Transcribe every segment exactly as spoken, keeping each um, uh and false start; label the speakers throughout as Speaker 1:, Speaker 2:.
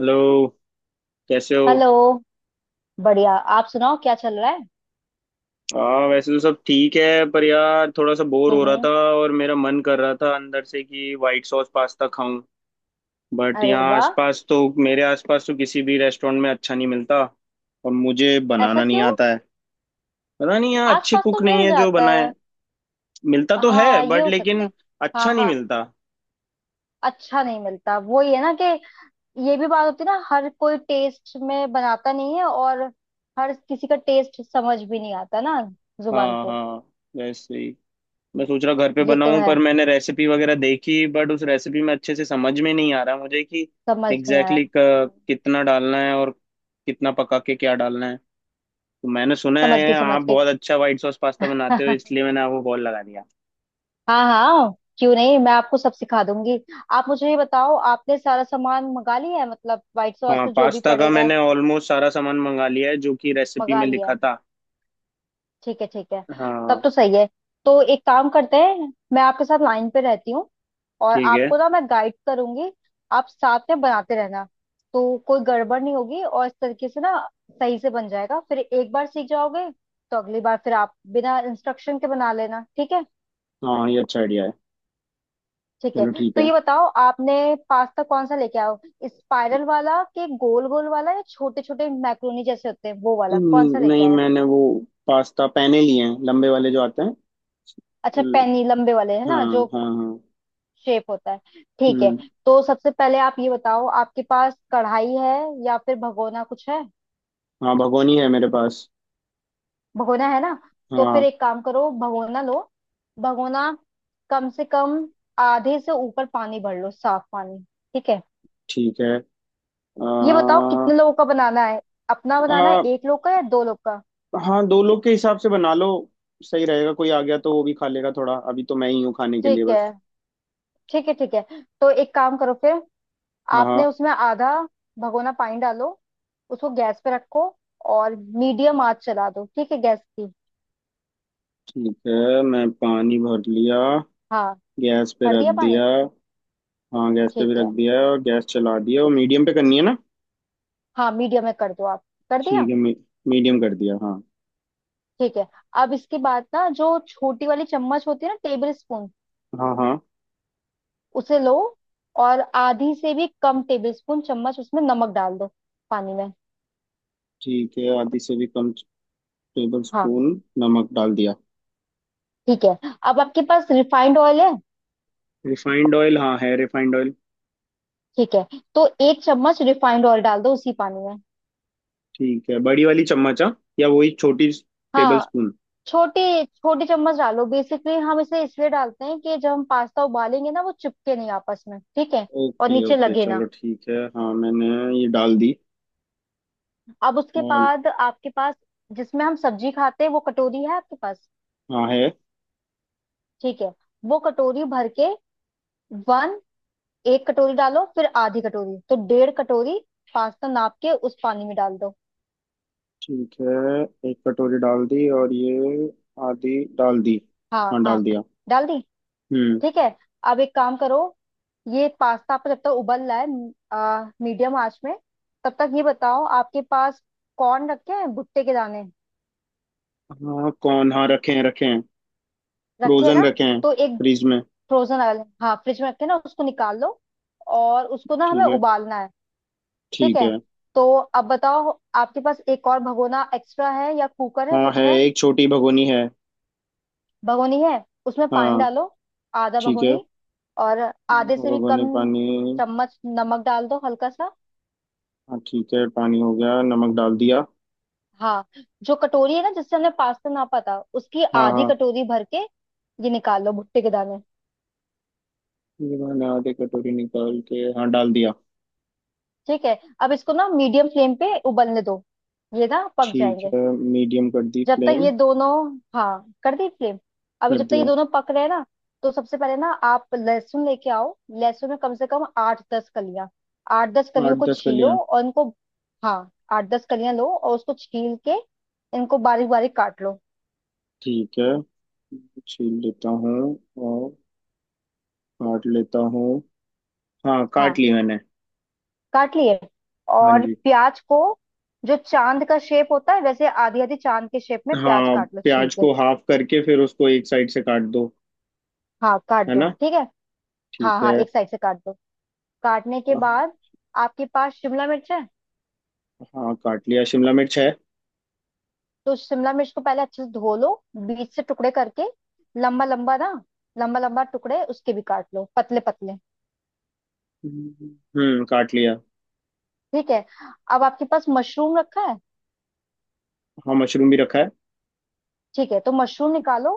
Speaker 1: Hello. कैसे हो।
Speaker 2: Hello. बढ़िया। आप सुनाओ क्या चल रहा है।
Speaker 1: हाँ, वैसे तो सब ठीक है, पर यार थोड़ा सा बोर हो
Speaker 2: हम्म,
Speaker 1: रहा था।
Speaker 2: हम्म,
Speaker 1: और मेरा मन कर रहा था अंदर से कि व्हाइट सॉस पास्ता खाऊं। बट
Speaker 2: अरे
Speaker 1: यहाँ
Speaker 2: वाह।
Speaker 1: आसपास तो मेरे आसपास तो किसी भी रेस्टोरेंट में अच्छा नहीं मिलता। और मुझे
Speaker 2: ऐसा
Speaker 1: बनाना नहीं
Speaker 2: क्यों।
Speaker 1: आता है। पता नहीं, यहाँ अच्छे
Speaker 2: आसपास
Speaker 1: कुक
Speaker 2: तो
Speaker 1: नहीं
Speaker 2: मिल
Speaker 1: है जो
Speaker 2: जाता
Speaker 1: बनाए।
Speaker 2: है।
Speaker 1: मिलता तो है
Speaker 2: हाँ ये
Speaker 1: बट
Speaker 2: हो सकता
Speaker 1: लेकिन
Speaker 2: है।
Speaker 1: अच्छा
Speaker 2: हाँ
Speaker 1: नहीं
Speaker 2: हाँ,
Speaker 1: मिलता।
Speaker 2: अच्छा नहीं मिलता वो ये ना कि ये भी बात होती है ना, हर कोई टेस्ट में बनाता नहीं है। और हर किसी का टेस्ट समझ भी नहीं आता ना, जुबान
Speaker 1: हाँ,
Speaker 2: को।
Speaker 1: हाँ। वैसे ही। मैं सोच रहा घर पे
Speaker 2: हम्म, ये तो
Speaker 1: बनाऊं,
Speaker 2: है।
Speaker 1: पर मैंने रेसिपी वगैरह देखी बट उस रेसिपी में अच्छे से समझ में नहीं आ रहा मुझे कि
Speaker 2: समझ नहीं आया।
Speaker 1: एग्जैक्टली
Speaker 2: हम्म।
Speaker 1: exactly कितना डालना है और कितना पका के क्या डालना है। तो मैंने सुना
Speaker 2: समझ
Speaker 1: है
Speaker 2: के समझ
Speaker 1: आप
Speaker 2: के।
Speaker 1: बहुत अच्छा व्हाइट सॉस पास्ता बनाते हो, इसलिए मैंने आपको कॉल लगा दिया।
Speaker 2: हाँ हाँ, क्यों नहीं, मैं आपको सब सिखा दूंगी। आप मुझे ये बताओ आपने सारा सामान मंगा लिया है मतलब व्हाइट सॉस
Speaker 1: हाँ,
Speaker 2: में जो भी
Speaker 1: पास्ता का
Speaker 2: पड़ेगा।
Speaker 1: मैंने ऑलमोस्ट सारा सामान मंगा लिया है, जो कि रेसिपी
Speaker 2: मंगा
Speaker 1: में
Speaker 2: लिया
Speaker 1: लिखा
Speaker 2: है।
Speaker 1: था।
Speaker 2: ठीक है ठीक है, तब
Speaker 1: हाँ।
Speaker 2: तो सही है। तो एक काम करते हैं, मैं आपके साथ लाइन पे रहती हूँ और
Speaker 1: ठीक है।
Speaker 2: आपको ना मैं गाइड करूंगी। आप साथ में बनाते रहना, तो कोई गड़बड़ नहीं होगी और इस तरीके से ना सही से बन जाएगा। फिर एक बार सीख जाओगे तो अगली बार फिर आप बिना इंस्ट्रक्शन के बना लेना, ठीक है।
Speaker 1: हाँ, ये अच्छा आइडिया है।
Speaker 2: ठीक है,
Speaker 1: चलो, ठीक
Speaker 2: तो
Speaker 1: है।
Speaker 2: ये बताओ आपने पास्ता कौन सा लेके आओ, स्पाइरल वाला कि गोल गोल वाला या छोटे छोटे मैक्रोनी जैसे होते हैं वो वाला, कौन सा
Speaker 1: हम्म,
Speaker 2: लेके
Speaker 1: नहीं,
Speaker 2: आयो।
Speaker 1: मैंने वो पास्ता पैने लिए हैं, लंबे वाले जो आते हैं।
Speaker 2: अच्छा,
Speaker 1: हम्म।
Speaker 2: पैनी लंबे वाले है
Speaker 1: हाँ,
Speaker 2: ना जो
Speaker 1: हाँ, हाँ।
Speaker 2: शेप होता है। ठीक है।
Speaker 1: हम्म।
Speaker 2: तो सबसे पहले आप ये बताओ आपके पास कढ़ाई है या फिर भगोना कुछ है।
Speaker 1: हाँ, भगोनी है मेरे पास।
Speaker 2: भगोना है ना, तो फिर
Speaker 1: हाँ।
Speaker 2: एक काम करो, भगोना लो। भगोना कम से कम आधे से ऊपर पानी भर लो, साफ पानी। ठीक है।
Speaker 1: ठीक है। आ,
Speaker 2: ये बताओ कितने लोगों का बनाना है, अपना बनाना है
Speaker 1: आ,
Speaker 2: एक लोग का या दो लोग का।
Speaker 1: हाँ, दो लोग के हिसाब से बना लो। सही रहेगा, कोई आ गया तो वो भी खा लेगा थोड़ा, अभी तो मैं ही हूँ खाने के
Speaker 2: ठीक
Speaker 1: लिए
Speaker 2: है,
Speaker 1: बस।
Speaker 2: ठीक है ठीक है। तो एक काम करो फिर,
Speaker 1: हाँ,
Speaker 2: आपने
Speaker 1: हाँ।
Speaker 2: उसमें आधा भगोना पानी डालो। उसको गैस पे रखो और मीडियम आंच चला दो, ठीक है गैस की।
Speaker 1: ठीक है, मैं पानी भर लिया।
Speaker 2: हाँ,
Speaker 1: गैस पे
Speaker 2: भर
Speaker 1: रख
Speaker 2: दिया पानी।
Speaker 1: दिया। हाँ, गैस पे भी
Speaker 2: ठीक
Speaker 1: रख
Speaker 2: है।
Speaker 1: दिया और गैस चला दिया। और मीडियम पे करनी है ना?
Speaker 2: हाँ, मीडियम में कर दो आप। कर
Speaker 1: ठीक
Speaker 2: दिया।
Speaker 1: है, मी, मीडियम कर दिया। हाँ।
Speaker 2: ठीक है। अब इसके बाद ना जो छोटी वाली चम्मच होती है ना, टेबल स्पून,
Speaker 1: हाँ, हाँ।
Speaker 2: उसे लो और आधी से भी कम टेबल स्पून चम्मच उसमें नमक डाल दो, पानी में।
Speaker 1: ठीक है, आधी से भी कम टेबल
Speaker 2: हाँ।
Speaker 1: स्पून नमक डाल दिया।
Speaker 2: ठीक है। अब आपके पास रिफाइंड ऑयल है।
Speaker 1: Refined oil? हाँ, है रिफाइंड ऑयल।
Speaker 2: ठीक है, तो एक चम्मच रिफाइंड ऑयल डाल दो उसी पानी में।
Speaker 1: ठीक है, बड़ी वाली चम्मच हाँ? या वही छोटी? टेबल
Speaker 2: हाँ।
Speaker 1: स्पून।
Speaker 2: छोटी, छोटी चम्मच डालो। बेसिकली हम इसे इसलिए डालते हैं कि जब हम पास्ता उबालेंगे ना वो चिपके नहीं आपस में, ठीक है, और
Speaker 1: ओके,
Speaker 2: नीचे
Speaker 1: ओके,
Speaker 2: लगे ना।
Speaker 1: चलो ठीक है। हाँ, मैंने ये डाल दी।
Speaker 2: अब उसके
Speaker 1: और
Speaker 2: बाद आपके पास जिसमें हम सब्जी खाते हैं वो कटोरी है आपके पास।
Speaker 1: हाँ, है।
Speaker 2: ठीक है। वो कटोरी भर के, वन, एक कटोरी डालो, फिर आधी कटोरी, तो डेढ़ कटोरी पास्ता नाप के उस पानी में डाल दो।
Speaker 1: ठीक है, एक कटोरी डाल दी और ये आधी डाल दी।
Speaker 2: हाँ
Speaker 1: हाँ, डाल
Speaker 2: हाँ,
Speaker 1: दिया।
Speaker 2: डाल दी।
Speaker 1: हम्म।
Speaker 2: ठीक है। अब एक काम करो, ये पास्ता आपका जब तक उबल रहा है आ, मीडियम आंच में, तब तक ये बताओ आपके पास कॉर्न रखे हैं, भुट्टे के दाने।
Speaker 1: हाँ, कौन, हाँ रखे हैं, रखे हैं।
Speaker 2: रखे हैं
Speaker 1: फ्रोजन
Speaker 2: ना,
Speaker 1: रखे हैं।
Speaker 2: तो एक,
Speaker 1: फ्रीज में।
Speaker 2: फ्रोजन वाले, हाँ फ्रिज में रखे हैं ना, उसको निकाल लो और उसको ना हमें
Speaker 1: ठीक है,
Speaker 2: उबालना है। ठीक
Speaker 1: ठीक
Speaker 2: है।
Speaker 1: है।
Speaker 2: तो अब बताओ आपके पास एक और भगोना एक्स्ट्रा है या कुकर है,
Speaker 1: हाँ, है,
Speaker 2: कुछ है।
Speaker 1: एक छोटी भगोनी है।
Speaker 2: भगोनी है, उसमें पानी
Speaker 1: हाँ।
Speaker 2: डालो, आधा
Speaker 1: ठीक है।
Speaker 2: भगोनी। और
Speaker 1: हाँ,
Speaker 2: आधे
Speaker 1: दो
Speaker 2: से भी
Speaker 1: भगोनी
Speaker 2: कम
Speaker 1: पानी।
Speaker 2: चम्मच नमक डाल दो, हल्का सा।
Speaker 1: हाँ ठीक है, पानी हो गया, नमक डाल दिया।
Speaker 2: हाँ। जो कटोरी है ना जिससे हमने पास्ता नापा था उसकी
Speaker 1: हाँ,
Speaker 2: आधी
Speaker 1: हाँ।
Speaker 2: कटोरी भर के ये निकाल लो, भुट्टे के दाने।
Speaker 1: ये मैंने आधे कटोरी निकाल के, हाँ, डाल दिया।
Speaker 2: ठीक है, अब इसको ना मीडियम फ्लेम पे उबलने दो, ये ना पक
Speaker 1: ठीक
Speaker 2: जाएंगे।
Speaker 1: है, मीडियम कर दी
Speaker 2: जब तक
Speaker 1: फ्लेम।
Speaker 2: ये दोनों, हाँ कर दी फ्लेम। अभी
Speaker 1: कर
Speaker 2: जब तक ये
Speaker 1: दिया।
Speaker 2: दोनों पक रहे हैं ना, तो सबसे पहले ना आप लहसुन लेके आओ, लहसुन में कम से कम आठ दस कलियां। आठ दस
Speaker 1: आठ
Speaker 2: कलियों को
Speaker 1: दस
Speaker 2: छीलो
Speaker 1: कलियां।
Speaker 2: और इनको, हाँ आठ दस कलियां लो और उसको छील के इनको बारीक बारीक काट लो।
Speaker 1: ठीक है, छील लेता हूँ। और काट लेता हूँ। हाँ, काट
Speaker 2: हाँ,
Speaker 1: ली मैंने।
Speaker 2: काट लिए।
Speaker 1: हाँ
Speaker 2: और
Speaker 1: जी।
Speaker 2: प्याज को, जो चांद का शेप होता है वैसे आधी आधी चांद के शेप में प्याज
Speaker 1: हाँ,
Speaker 2: काट लो, छील
Speaker 1: प्याज
Speaker 2: के।
Speaker 1: को हाफ करके फिर उसको एक साइड से काट दो,
Speaker 2: हाँ काट
Speaker 1: है
Speaker 2: दो,
Speaker 1: ना?
Speaker 2: ठीक है, हाँ
Speaker 1: ठीक
Speaker 2: हाँ,
Speaker 1: है।
Speaker 2: एक साइड से काट दो। काटने के बाद आपके पास शिमला मिर्च है।
Speaker 1: हाँ, काट लिया। शिमला मिर्च है।
Speaker 2: तो शिमला मिर्च को पहले अच्छे से धो लो, बीच से टुकड़े करके लंबा लंबा ना, लंबा लंबा टुकड़े उसके भी काट लो पतले पतले।
Speaker 1: हम्म, काट लिया।
Speaker 2: ठीक है। अब आपके पास मशरूम रखा है।
Speaker 1: हाँ, मशरूम भी रखा है।
Speaker 2: ठीक है, तो मशरूम निकालो।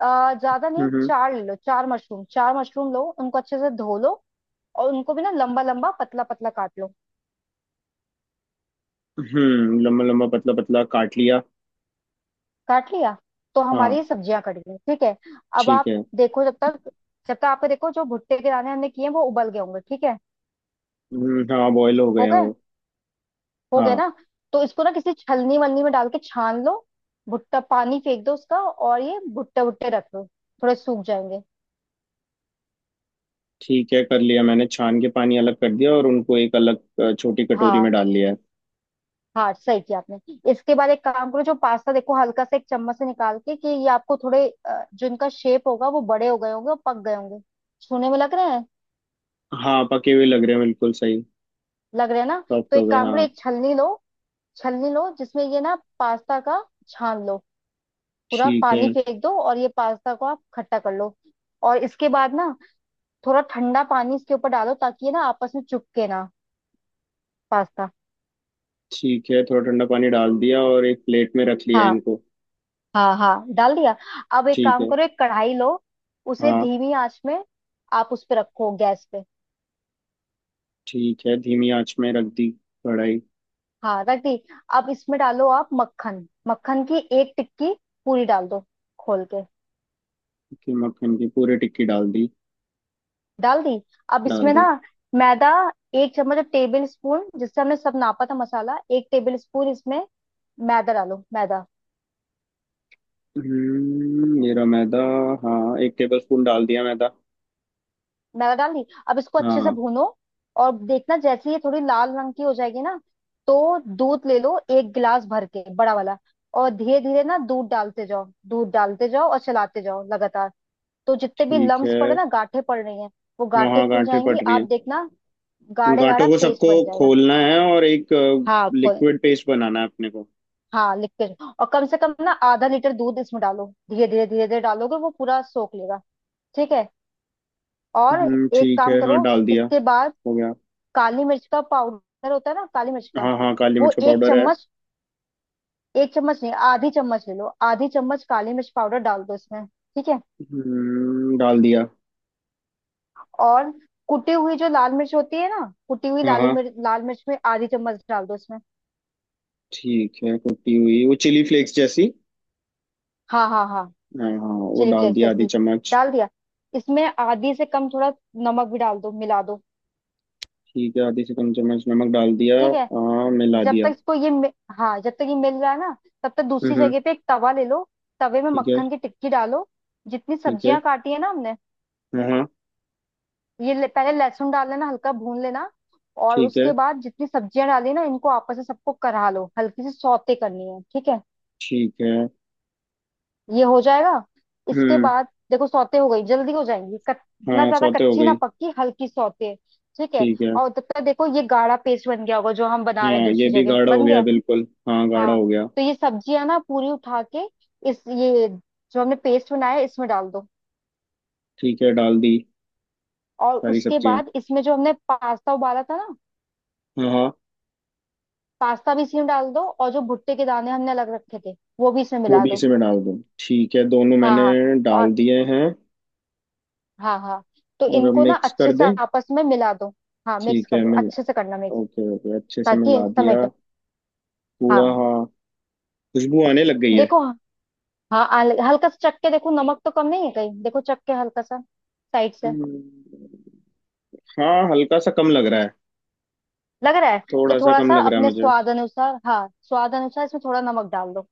Speaker 2: अ, ज्यादा नहीं,
Speaker 1: हम्म,
Speaker 2: चार ले लो, चार मशरूम, चार मशरूम लो, उनको अच्छे से धो लो और उनको भी ना लंबा लंबा पतला पतला काट लो।
Speaker 1: हम्म, लम्बा लम्बा पतला पतला काट लिया।
Speaker 2: काट लिया। तो हमारी
Speaker 1: हाँ,
Speaker 2: ये सब्जियां कट गई, ठीक है। अब
Speaker 1: ठीक
Speaker 2: आप
Speaker 1: है।
Speaker 2: देखो जब तक, जब तक आपको देखो जो भुट्टे के दाने हमने किए हैं वो उबल गए होंगे ठीक है।
Speaker 1: हम्म, हाँ, बॉयल हो गए
Speaker 2: हो
Speaker 1: हैं
Speaker 2: गए,
Speaker 1: वो।
Speaker 2: हो गए
Speaker 1: हाँ।
Speaker 2: ना। तो इसको ना किसी छलनी वलनी में डाल के छान लो, भुट्टा पानी फेंक दो उसका और ये भुट्टे भुट्टे रख लो, थोड़े सूख जाएंगे।
Speaker 1: ठीक है, कर लिया मैंने, छान के पानी अलग कर दिया और उनको एक अलग अ, छोटी कटोरी
Speaker 2: हाँ,
Speaker 1: में डाल लिया है।
Speaker 2: हाँ सही किया आपने। इसके बाद एक काम करो, जो पास्ता देखो हल्का सा एक चम्मच से निकाल के कि ये आपको थोड़े अ, जो इनका शेप होगा वो बड़े हो गए होंगे और पक गए होंगे, छूने में लग रहे हैं।
Speaker 1: हाँ, पके हुए लग रहे हैं, बिल्कुल सही।
Speaker 2: लग रहे हैं ना।
Speaker 1: सॉफ्ट
Speaker 2: तो
Speaker 1: हो
Speaker 2: एक
Speaker 1: गए,
Speaker 2: काम करो,
Speaker 1: हाँ।
Speaker 2: एक छलनी लो, छलनी लो जिसमें ये ना पास्ता का छान लो, पूरा
Speaker 1: ठीक है।
Speaker 2: पानी फेंक दो और ये पास्ता को आप खट्टा कर लो। और इसके बाद ना थोड़ा ठंडा पानी इसके ऊपर डालो ताकि ये ना आपस में चिपके ना, पास्ता।
Speaker 1: ठीक है, थोड़ा ठंडा पानी डाल दिया और एक प्लेट में रख लिया
Speaker 2: हाँ,
Speaker 1: इनको।
Speaker 2: हाँ हाँ, डाल दिया। अब एक
Speaker 1: ठीक
Speaker 2: काम
Speaker 1: है।
Speaker 2: करो, एक कढ़ाई लो, उसे
Speaker 1: हाँ।
Speaker 2: धीमी आंच में आप उस पे रखो, गैस पे।
Speaker 1: ठीक है, धीमी आंच में रख दी कढ़ाई।
Speaker 2: हाँ, रख दी। अब इसमें डालो आप मक्खन, मक्खन की एक टिक्की पूरी डाल दो, खोल के।
Speaker 1: की मक्खन की पूरी टिक्की डाल दी।
Speaker 2: डाल दी। अब
Speaker 1: डाल
Speaker 2: इसमें ना
Speaker 1: दी।
Speaker 2: मैदा, एक चम्मच टेबल स्पून जिससे हमने सब नापा था मसाला, एक टेबल स्पून इसमें मैदा डालो, मैदा।
Speaker 1: हम्म, मेरा मैदा। हाँ, एक टेबल स्पून डाल दिया मैदा।
Speaker 2: मैदा डाल दी, अब इसको अच्छे से
Speaker 1: हाँ।
Speaker 2: भूनो। और देखना जैसे ये थोड़ी लाल रंग की हो जाएगी ना, तो दूध ले लो एक गिलास भर के बड़ा वाला, और धीरे धीरे ना दूध डालते जाओ, दूध डालते जाओ और चलाते जाओ लगातार। तो जितने भी
Speaker 1: ठीक
Speaker 2: लम्स पड़े
Speaker 1: है।
Speaker 2: ना, गांठें पड़ रही हैं, वो
Speaker 1: हाँ,
Speaker 2: गांठें
Speaker 1: हाँ,
Speaker 2: खुल
Speaker 1: गांठें पड़
Speaker 2: जाएंगी
Speaker 1: रही
Speaker 2: आप
Speaker 1: है।
Speaker 2: देखना।
Speaker 1: उन
Speaker 2: गाढ़े
Speaker 1: गांठों
Speaker 2: गाढ़ा
Speaker 1: को
Speaker 2: पेस्ट
Speaker 1: सबको
Speaker 2: बन जाएगा।
Speaker 1: खोलना है और एक
Speaker 2: हाँ,
Speaker 1: लिक्विड पेस्ट बनाना है अपने को।
Speaker 2: हाँ लिखते जाओ, और कम से कम ना आधा लीटर दूध इसमें डालो धीरे धीरे धीरे धीरे, डालोगे वो पूरा सोख लेगा। ठीक है। और
Speaker 1: हम्म,
Speaker 2: एक
Speaker 1: ठीक
Speaker 2: काम
Speaker 1: है, हाँ,
Speaker 2: करो
Speaker 1: डाल दिया।
Speaker 2: इसके बाद,
Speaker 1: हो गया।
Speaker 2: काली मिर्च का पाउडर होता है ना, काली मिर्च का,
Speaker 1: हाँ, हाँ, काली
Speaker 2: वो
Speaker 1: मिर्च का
Speaker 2: एक
Speaker 1: पाउडर है।
Speaker 2: चम्मच, एक चम्मच नहीं आधी चम्मच ले लो, आधी चम्मच काली मिर्च पाउडर डाल दो इसमें, ठीक है।
Speaker 1: हम्म, डाल दिया।
Speaker 2: और कुटी हुई जो लाल मिर्च होती है ना, कुटी हुई
Speaker 1: हाँ,
Speaker 2: लाली
Speaker 1: हाँ।
Speaker 2: मिर्च लाल मिर्च में आधी चम्मच डाल दो इसमें।
Speaker 1: ठीक है, कुटी हुई वो चिली फ्लेक्स जैसी।
Speaker 2: हाँ हाँ हाँ,
Speaker 1: हाँ, हाँ, वो
Speaker 2: चिली
Speaker 1: डाल
Speaker 2: फ्लेक्स
Speaker 1: दिया आधी
Speaker 2: जैसी।
Speaker 1: चम्मच।
Speaker 2: डाल दिया। इसमें आधी से कम थोड़ा नमक भी डाल दो, मिला दो।
Speaker 1: ठीक है, आधी से कम चम्मच नमक डाल दिया,
Speaker 2: ठीक है।
Speaker 1: हाँ, मिला
Speaker 2: जब तक
Speaker 1: दिया।
Speaker 2: इसको ये मि- हाँ जब तक ये मिल रहा है ना, तब तक
Speaker 1: हम्म,
Speaker 2: दूसरी
Speaker 1: हम्म।
Speaker 2: जगह पे एक तवा ले लो। तवे में
Speaker 1: ठीक है।
Speaker 2: मक्खन की टिक्की डालो। जितनी
Speaker 1: ठीक है।
Speaker 2: सब्जियां काटी है ना हमने,
Speaker 1: हाँ, हाँ।
Speaker 2: ये ले, पहले लहसुन डाल लेना, हल्का भून लेना। और
Speaker 1: ठीक है।
Speaker 2: उसके बाद जितनी सब्जियां डाली ना इनको आपस में सबको करा लो, हल्की सी सौते करनी है, ठीक है।
Speaker 1: ठीक है।
Speaker 2: ये हो जाएगा। इसके
Speaker 1: हम्म।
Speaker 2: बाद देखो सौते हो गई जल्दी हो जाएंगी कच- ना
Speaker 1: हाँ,
Speaker 2: ज्यादा
Speaker 1: सौते हो
Speaker 2: कच्ची ना
Speaker 1: गई।
Speaker 2: पक्की, हल्की सौते। ठीक है।
Speaker 1: ठीक है।
Speaker 2: और तब तक देखो ये गाढ़ा पेस्ट बन गया होगा जो हम बना रहे हैं
Speaker 1: हाँ, ये
Speaker 2: दूसरी
Speaker 1: भी
Speaker 2: जगह,
Speaker 1: गाढ़ा हो
Speaker 2: बन
Speaker 1: गया,
Speaker 2: गया।
Speaker 1: बिल्कुल, हाँ, गाढ़ा
Speaker 2: हाँ।
Speaker 1: हो गया।
Speaker 2: तो ये सब्जियां ना पूरी उठा के इस ये जो हमने पेस्ट बनाया है, इसमें डाल दो।
Speaker 1: ठीक है, डाल दी
Speaker 2: और
Speaker 1: सारी
Speaker 2: उसके
Speaker 1: सब्जियां।
Speaker 2: बाद इसमें जो हमने पास्ता उबाला था ना,
Speaker 1: हाँ, हाँ।
Speaker 2: पास्ता भी इसमें डाल दो और जो भुट्टे के दाने हमने अलग रखे थे वो भी इसमें
Speaker 1: वो
Speaker 2: मिला
Speaker 1: भी
Speaker 2: दो।
Speaker 1: इसी में डाल दूँ? ठीक है, दोनों
Speaker 2: हाँ
Speaker 1: मैंने
Speaker 2: हाँ। और
Speaker 1: डाल दिए हैं।
Speaker 2: हाँ हाँ, तो
Speaker 1: और अब
Speaker 2: इनको ना
Speaker 1: मिक्स
Speaker 2: अच्छे
Speaker 1: कर
Speaker 2: से
Speaker 1: दें?
Speaker 2: आपस में मिला दो। हाँ मिक्स
Speaker 1: ठीक
Speaker 2: कर
Speaker 1: है,
Speaker 2: दो,
Speaker 1: मिल
Speaker 2: अच्छे से करना मिक्स,
Speaker 1: ओके, ओके, अच्छे से
Speaker 2: ताकि
Speaker 1: मिला दिया।
Speaker 2: समेट।
Speaker 1: पूरा,
Speaker 2: हाँ,
Speaker 1: हाँ। खुशबू आने लग गई है।
Speaker 2: देखो। हाँ हल- हल्का सा चख के देखो नमक तो कम नहीं है कहीं, देखो चख के हल्का सा, साइड से।
Speaker 1: हम्म, हाँ, हल्का सा कम लग रहा है।
Speaker 2: लग रहा है, तो
Speaker 1: थोड़ा सा
Speaker 2: थोड़ा
Speaker 1: कम
Speaker 2: सा
Speaker 1: लग रहा है
Speaker 2: अपने
Speaker 1: मुझे।
Speaker 2: स्वाद अनुसार, हाँ स्वाद अनुसार इसमें थोड़ा नमक डाल दो।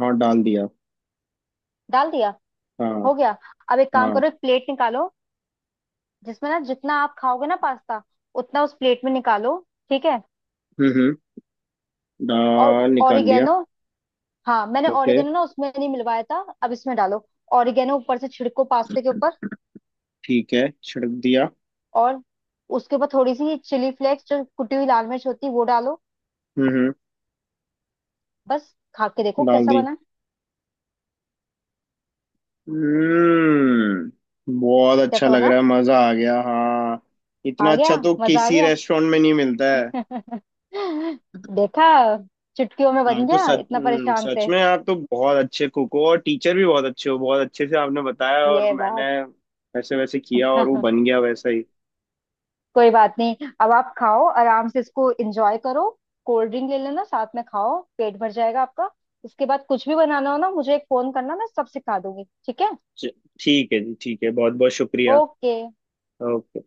Speaker 1: हाँ, डाल दिया।
Speaker 2: डाल दिया। हो
Speaker 1: हाँ।
Speaker 2: गया। अब एक काम
Speaker 1: हाँ।
Speaker 2: करो, एक प्लेट निकालो जिसमें ना जितना आप खाओगे ना पास्ता, उतना उस प्लेट में निकालो। ठीक है।
Speaker 1: हम्म, हम्म,
Speaker 2: और
Speaker 1: डाल निकाल लिया।
Speaker 2: ऑरिगेनो, हाँ मैंने
Speaker 1: ओके।
Speaker 2: ऑरिगेनो ना उसमें नहीं मिलवाया था, अब इसमें डालो। ऑरिगेनो ऊपर से छिड़को, पास्ते के ऊपर।
Speaker 1: ठीक है, छिड़क दिया।
Speaker 2: और उसके ऊपर थोड़ी सी चिली फ्लेक्स जो कुटी हुई लाल मिर्च होती है वो डालो।
Speaker 1: हम्म, हम्म।
Speaker 2: बस, खा के देखो
Speaker 1: डाल
Speaker 2: कैसा
Speaker 1: दी।
Speaker 2: बना।
Speaker 1: हम्म, बहुत अच्छा
Speaker 2: कैसा
Speaker 1: लग
Speaker 2: बना,
Speaker 1: रहा है, मजा आ गया, हाँ। इतना
Speaker 2: आ गया।
Speaker 1: अच्छा तो
Speaker 2: मजा आ
Speaker 1: किसी
Speaker 2: गया।
Speaker 1: रेस्टोरेंट में नहीं मिलता है।
Speaker 2: देखा, चुटकियों में
Speaker 1: आप
Speaker 2: बन
Speaker 1: तो
Speaker 2: गया,
Speaker 1: सच
Speaker 2: इतना
Speaker 1: हम्म,
Speaker 2: परेशान
Speaker 1: सच
Speaker 2: थे।
Speaker 1: में आप तो बहुत अच्छे कुक हो और टीचर भी बहुत अच्छे हो। बहुत अच्छे से आपने बताया और
Speaker 2: ये
Speaker 1: मैंने
Speaker 2: बात।
Speaker 1: वैसे वैसे किया और वो बन गया वैसा ही।
Speaker 2: कोई बात नहीं, अब आप खाओ आराम से, इसको एंजॉय करो। कोल्ड ड्रिंक ले लेना साथ में, खाओ पेट भर जाएगा आपका। इसके बाद कुछ भी बनाना हो ना मुझे एक फोन करना, मैं सब सिखा दूंगी, ठीक है।
Speaker 1: च- ठीक है जी, ठीक है, बहुत बहुत शुक्रिया।
Speaker 2: ओके।
Speaker 1: ओके।